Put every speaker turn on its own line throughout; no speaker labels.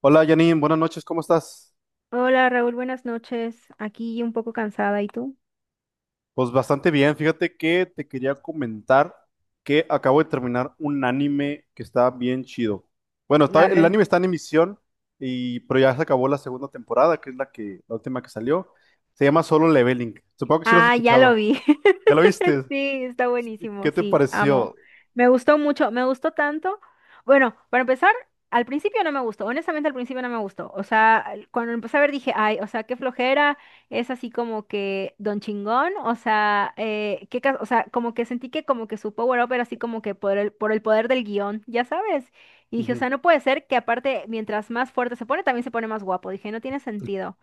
Hola Janine, buenas noches, ¿cómo estás?
Hola Raúl, buenas noches. Aquí un poco cansada, ¿y tú?
Pues bastante bien, fíjate que te quería comentar que acabo de terminar un anime que está bien chido. Bueno,
A
el
ver.
anime está en emisión, pero ya se acabó la segunda temporada, que es la que, la última que salió. Se llama Solo Leveling. Supongo que sí lo has
Ah, ya
escuchado.
lo vi.
¿Ya lo viste?
Sí, está buenísimo,
¿Qué te
sí, amo.
pareció?
Me gustó mucho, me gustó tanto. Bueno, para empezar, al principio no me gustó, honestamente al principio no me gustó. O sea, cuando empecé a ver dije, ay, o sea, qué flojera, es así como que don chingón, o sea, qué, o sea, como que sentí que como que su power up era así como que por el poder del guión, ya sabes. Y dije, o
Ujú.
sea, no puede ser que aparte, mientras más fuerte se pone, también se pone más guapo. Dije, no tiene sentido.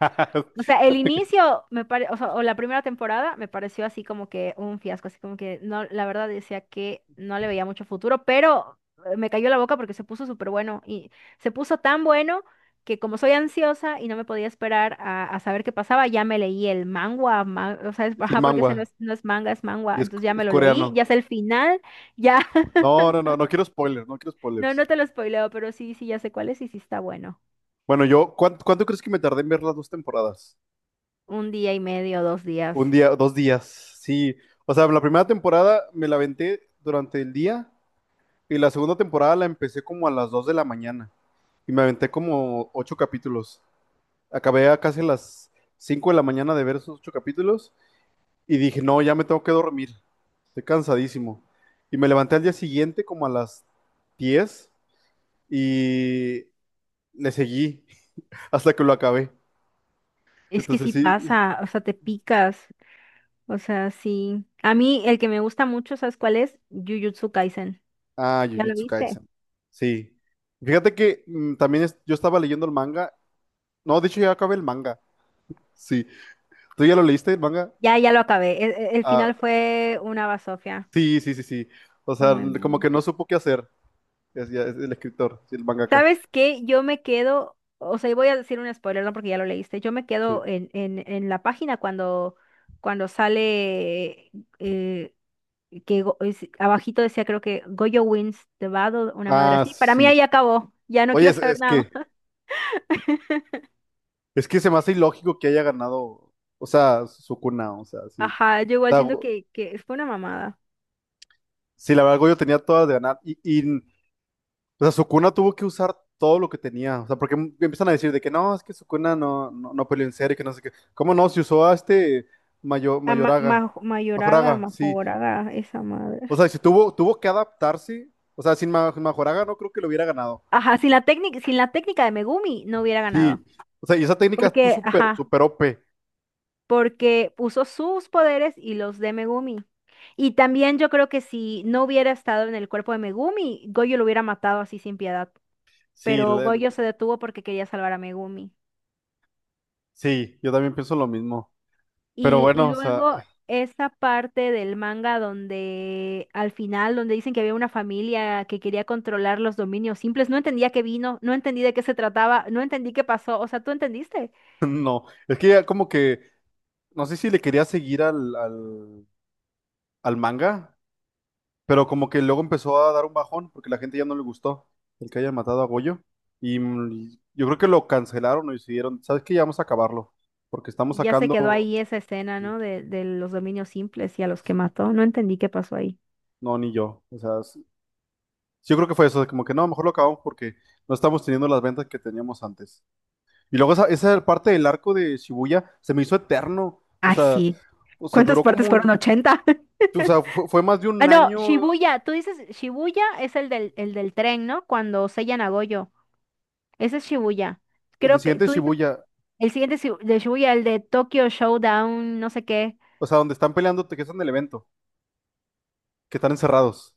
O sea, el inicio me pare, o sea, o la primera temporada me pareció así como que un fiasco, así como que no, la verdad decía que no le veía mucho futuro, pero me cayó la boca porque se puso súper bueno y se puso tan bueno que como soy ansiosa y no me podía esperar a saber qué pasaba, ya me leí el manga, o sea, es,
Sí, el
ajá, porque ese no
manga.
es, no es manga, es manga,
Y es,
entonces ya
es
me lo leí,
coreano.
ya sé el final, ya,
No, no, no, no quiero spoilers, no quiero
no,
spoilers.
no te lo spoileo, pero sí, sí, ya sé cuál es y sí está bueno.
Bueno, yo, ¿cuánto crees que me tardé en ver las dos temporadas?
Un día y medio, dos días.
Un día, dos días, sí. O sea, la primera temporada me la aventé durante el día y la segunda temporada la empecé como a las 2 de la mañana y me aventé como ocho capítulos. Acabé a casi las 5 de la mañana de ver esos ocho capítulos y dije, no, ya me tengo que dormir, estoy cansadísimo. Y me levanté al día siguiente como a las 10 y le seguí hasta que lo acabé.
Es que
Entonces
sí
sí.
pasa, o sea, te picas. O sea, sí. A mí el que me gusta mucho, ¿sabes cuál es? Jujutsu Kaisen.
Ah,
¿Ya lo
Jujutsu
viste?
Kaisen. Sí. Fíjate que también yo estaba leyendo el manga. No, de hecho ya acabé el manga. Sí. ¿Tú ya lo leíste el manga?
Ya, ya lo acabé. El
Ah,
final fue una basofia.
sí, sí, sí, sí. O
Fue
sea,
muy
como
malo.
que no supo qué hacer. Es, es el escritor, sí, el mangaka.
¿Sabes qué? Yo me quedo, o sea, y voy a decir un spoiler, no porque ya lo leíste. Yo me
Sí.
quedo en la página cuando, cuando sale eh, que abajito decía creo que Goyo wins the battle, una madre
Ah,
así. Para mí
sí.
ahí acabó. Ya no
Oye,
quiero
es,
saber
es
nada
que
más.
es que se me hace ilógico que haya ganado, o sea, Sukuna, o sea, sí.
Ajá, yo
O
igual
sea,
siento que fue una mamada.
sí, la verdad, yo tenía todas de ganar. Y o sea, Sukuna tuvo que usar todo lo que tenía. O sea, porque empiezan a decir de que no, es que Sukuna no, no, no peleó en serio, que no sé qué. ¿Cómo no? Si usó a este
A
Mayoraga.
Mayoraga,
Majoraga, sí.
Majoraga, esa madre.
O sea, si tuvo, tuvo que adaptarse. O sea, sin Majoraga no creo que lo hubiera ganado.
Ajá, sin la técnica de Megumi no hubiera
Sí.
ganado.
O sea, y esa técnica tú
Porque,
super,
ajá,
super OP.
porque usó sus poderes y los de Megumi. Y también yo creo que si no hubiera estado en el cuerpo de Megumi, Goyo lo hubiera matado así sin piedad.
Sí,
Pero Goyo se detuvo porque quería salvar a Megumi.
sí, yo también pienso lo mismo. Pero
Y
bueno, o sea,
luego esa parte del manga donde al final, donde dicen que había una familia que quería controlar los dominios simples, no entendía qué vino, no entendí de qué se trataba, no entendí qué pasó, o sea, ¿tú entendiste?
no. Es que ya como que, no sé si le quería seguir al manga. Pero como que luego empezó a dar un bajón porque la gente ya no le gustó el que hayan matado a Goyo. Y yo creo que lo cancelaron o decidieron, ¿sabes qué? Ya vamos a acabarlo. Porque estamos
Y ya se quedó
sacando,
ahí esa escena, ¿no? De los dominios simples y a los que mató, no entendí qué pasó ahí.
no, ni yo. O sea, yo creo que fue eso, de como que no, mejor lo acabamos porque no estamos teniendo las ventas que teníamos antes. Y luego esa, esa parte del arco de Shibuya se me hizo eterno. O
Ay,
sea,
sí. ¿Cuántas
duró como
partes fueron?
un,
80.
o sea, fue más de
Ah,
un
no,
año
Shibuya, tú dices, Shibuya es el del tren, ¿no? Cuando sellan a Goyo. Ese es Shibuya.
el
Creo que
incidente de
tú dices
Shibuya.
el siguiente de Shibuya, el de Tokyo Showdown, no sé qué.
O sea, donde están peleando, que están en el evento, que están encerrados.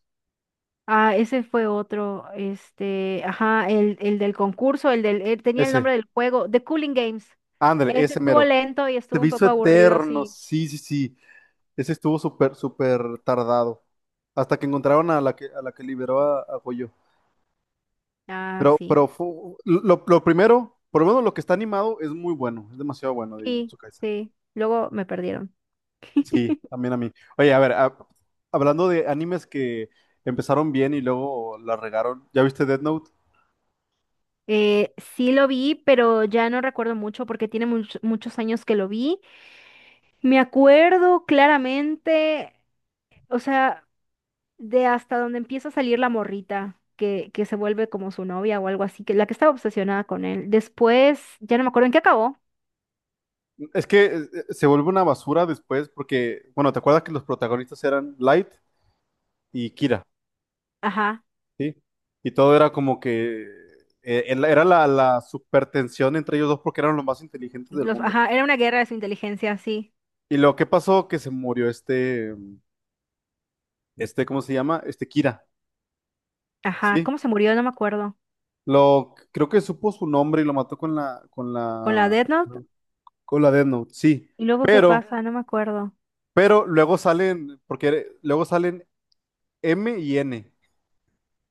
Ah, ese fue otro. Este, ajá, el del concurso, el del, tenía el
Ese.
nombre del juego, The Cooling Games.
Ándale,
Ese
ese
estuvo
mero.
lento y
Se
estuvo
me
un
hizo
poco aburrido,
eterno.
sí.
Sí, sí, sí. Ese estuvo súper, súper tardado. Hasta que encontraron a la que, liberó a Goyo.
Ah,
Pero,
sí.
pero lo primero, por lo menos lo que está animado es muy bueno. Es demasiado bueno de
Sí,
Jujutsu Kaisen.
sí. Luego me perdieron.
Sí, también a mí. Oye, a ver, hablando de animes que empezaron bien y luego la regaron. ¿Ya viste Death Note?
Sí lo vi, pero ya no recuerdo mucho porque tiene muchos años que lo vi. Me acuerdo claramente, o sea. De hasta donde empieza a salir la morrita, que se vuelve como su novia o algo así, que la que estaba obsesionada con él. Después, ya no me acuerdo en qué acabó.
Es que se vuelve una basura después porque, bueno, ¿te acuerdas que los protagonistas eran Light y Kira?
Ajá.
Sí, y todo era como que era la supertensión entre ellos dos porque eran los más inteligentes del
Los,
mundo.
ajá, era una guerra de su inteligencia, sí.
Y lo que pasó que se murió este, ¿cómo se llama? Este Kira,
Ajá,
¿sí?
¿cómo se murió? No me acuerdo.
Lo, creo que supo su nombre y lo mató con la, con
¿Con la
la,
Death Note?
con la Death Note, sí.
¿Y luego qué
Pero,
pasa? No me acuerdo.
pero luego salen, porque luego salen M y N,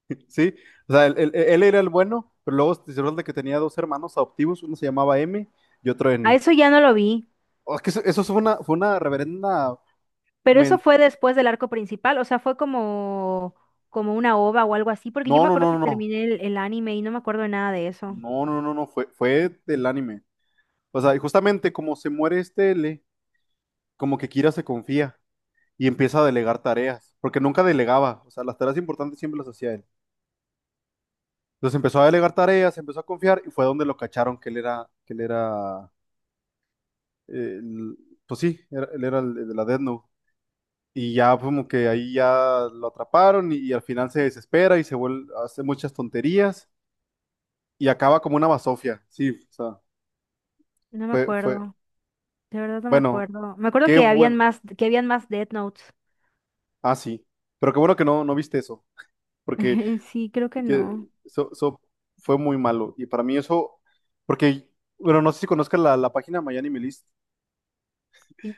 ¿sí? O sea, él era el bueno, pero luego se resulta que tenía dos hermanos adoptivos, uno se llamaba M y otro
A
N.
eso ya no lo vi,
Oh, es que eso, fue una reverenda.
pero eso
men-
fue después del arco principal, o sea, fue como una ova o algo así, porque yo
No,
me
no,
acuerdo
no,
que
no, no.
terminé el anime y no me acuerdo de nada de eso.
No, no, no, no. Fue, fue del anime. O sea, y justamente como se muere este L, como que Kira se confía y empieza a delegar tareas. Porque nunca delegaba. O sea, las tareas importantes siempre las hacía él. Entonces empezó a delegar tareas, empezó a confiar y fue donde lo cacharon que él era, eh, el- pues sí, él era el, de la Death Note. Y ya como que ahí ya lo atraparon y al final se desespera y se vuelve, hace muchas tonterías y acaba como una basofia. Sí, o sea,
No me
fue, fue,
acuerdo, de verdad no me
bueno,
acuerdo. Me acuerdo
qué
que habían
bueno.
más, que habían más Death Notes.
Ah, sí. Pero qué bueno que no, no viste eso, porque
Sí, creo que
que
no.
eso, fue muy malo. Y para mí eso, porque, bueno, no sé si conozcas la, página My Anime List.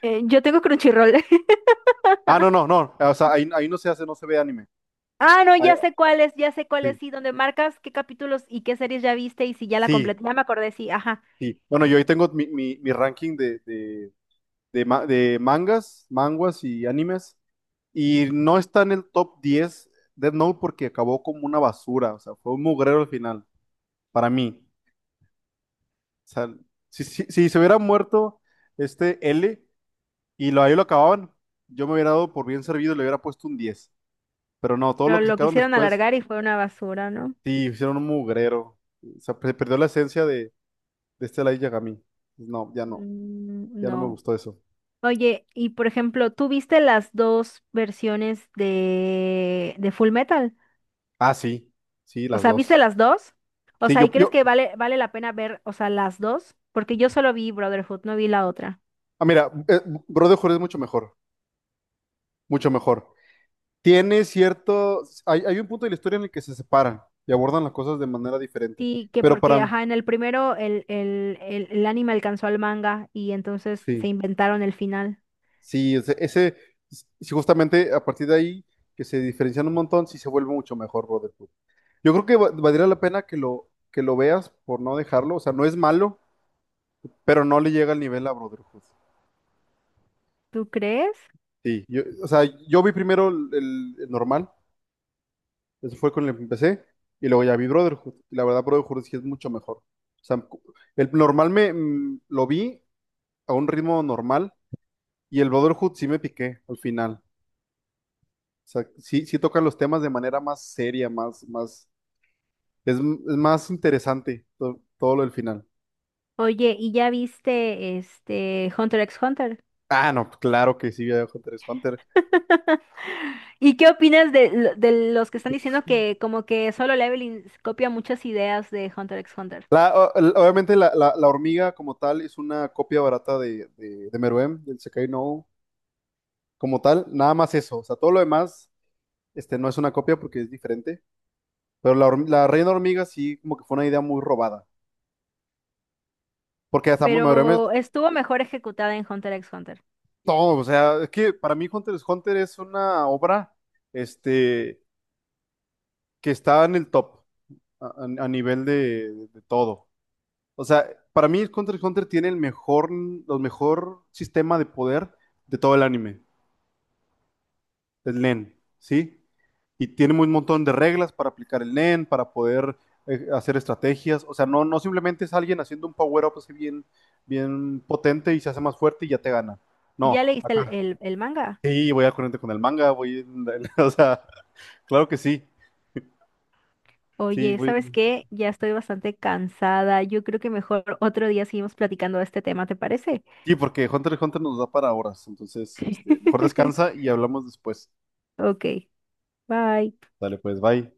Yo tengo Crunchyroll.
Ah, no, no, no. O sea, ahí no se hace, no se ve anime.
Ah, no,
Ahí-
ya sé cuál es, ya sé cuál
sí,
es, sí, donde marcas qué capítulos y qué series ya viste y si ya la
sí,
completé. Ya me acordé, sí, ajá.
sí. Bueno, yo ahí tengo mi, mi ranking de, de mangas, manguas y animes. Y no está en el top 10 Death Note porque acabó como una basura. O sea, fue un mugrero al final, para mí. O sea, si, si se hubiera muerto este L y lo, ahí lo acababan, yo me hubiera dado por bien servido y le hubiera puesto un 10. Pero no, todo
Pero
lo que
lo
sacaron
quisieron
después,
alargar y fue una basura, ¿no?
sí, hicieron un mugrero. O sea, se perdió la esencia de, este Light Yagami. No, ya no,
Mm,
ya no me
no.
gustó eso.
Oye, y por ejemplo, ¿tú viste las dos versiones de Full Metal?
Ah, sí, sí,
O
las
sea, ¿viste
dos.
las dos? O
Sí,
sea, ¿y crees que vale la pena ver, o sea, las dos? Porque yo solo vi Brotherhood, no vi la otra.
ah, mira, Brotherhood es mucho mejor, mucho mejor. Tiene cierto, hay, un punto de la historia en el que se separan y abordan las cosas de manera diferente,
Sí, que
pero
porque,
para,
ajá, en el primero el anime alcanzó al manga y entonces se
sí,
inventaron el final.
sí, sí, justamente a partir de ahí que se diferencian un montón, sí se vuelve mucho mejor Brotherhood. Yo creo que valdría la pena que lo veas por no dejarlo, o sea, no es malo, pero no le llega al nivel a Brotherhood.
¿Tú crees?
Sí, yo, o sea, yo vi primero el, normal. Eso fue con el que empecé. Y luego ya vi Brotherhood. Y la verdad, Brotherhood sí es mucho mejor. O sea, el normal me lo vi a un ritmo normal. Y el Brotherhood sí me piqué al final. O sea, sí, sí tocan los temas de manera más seria, más, más, es más interesante todo lo del final.
Oye, ¿y ya viste este Hunter x Hunter?
Ah, no, claro que sí, Hunter x Hunter.
¿Y qué opinas de los que están diciendo que como que Solo Leveling copia muchas ideas de Hunter x Hunter?
Obviamente la, la hormiga como tal es una copia barata de, Meruem, del Sekai No, Uo, como tal, nada más eso. O sea, todo lo demás. Este no es una copia porque es diferente. Pero la, la Reina Hormiga sí, como que fue una idea muy robada. Porque hasta
Pero estuvo mejor ejecutada en Hunter x Hunter.
todo, o sea, es que para mí Hunter x Hunter es una obra este, que está en el top a nivel de, todo. O sea, para mí Hunter x Hunter tiene el mejor, los mejor sistema de poder de todo el anime. El NEN, ¿sí? Y tiene un montón de reglas para aplicar el NEN, para poder hacer estrategias. O sea, no, no simplemente es alguien haciendo un power-up así bien, bien potente y se hace más fuerte y ya te gana.
¿Y
No,
¿Ya leíste el,
acá
el, el manga?
sí, voy al corriente con el manga, voy, o sea, claro que sí, sí,
Oye,
voy.
¿sabes qué? Ya estoy bastante cansada. Yo creo que mejor otro día seguimos platicando de este tema, ¿te parece?
Sí, porque Hunter x Hunter nos da para horas, entonces, este, mejor descansa y hablamos después.
Ok, bye.
Dale, pues, bye.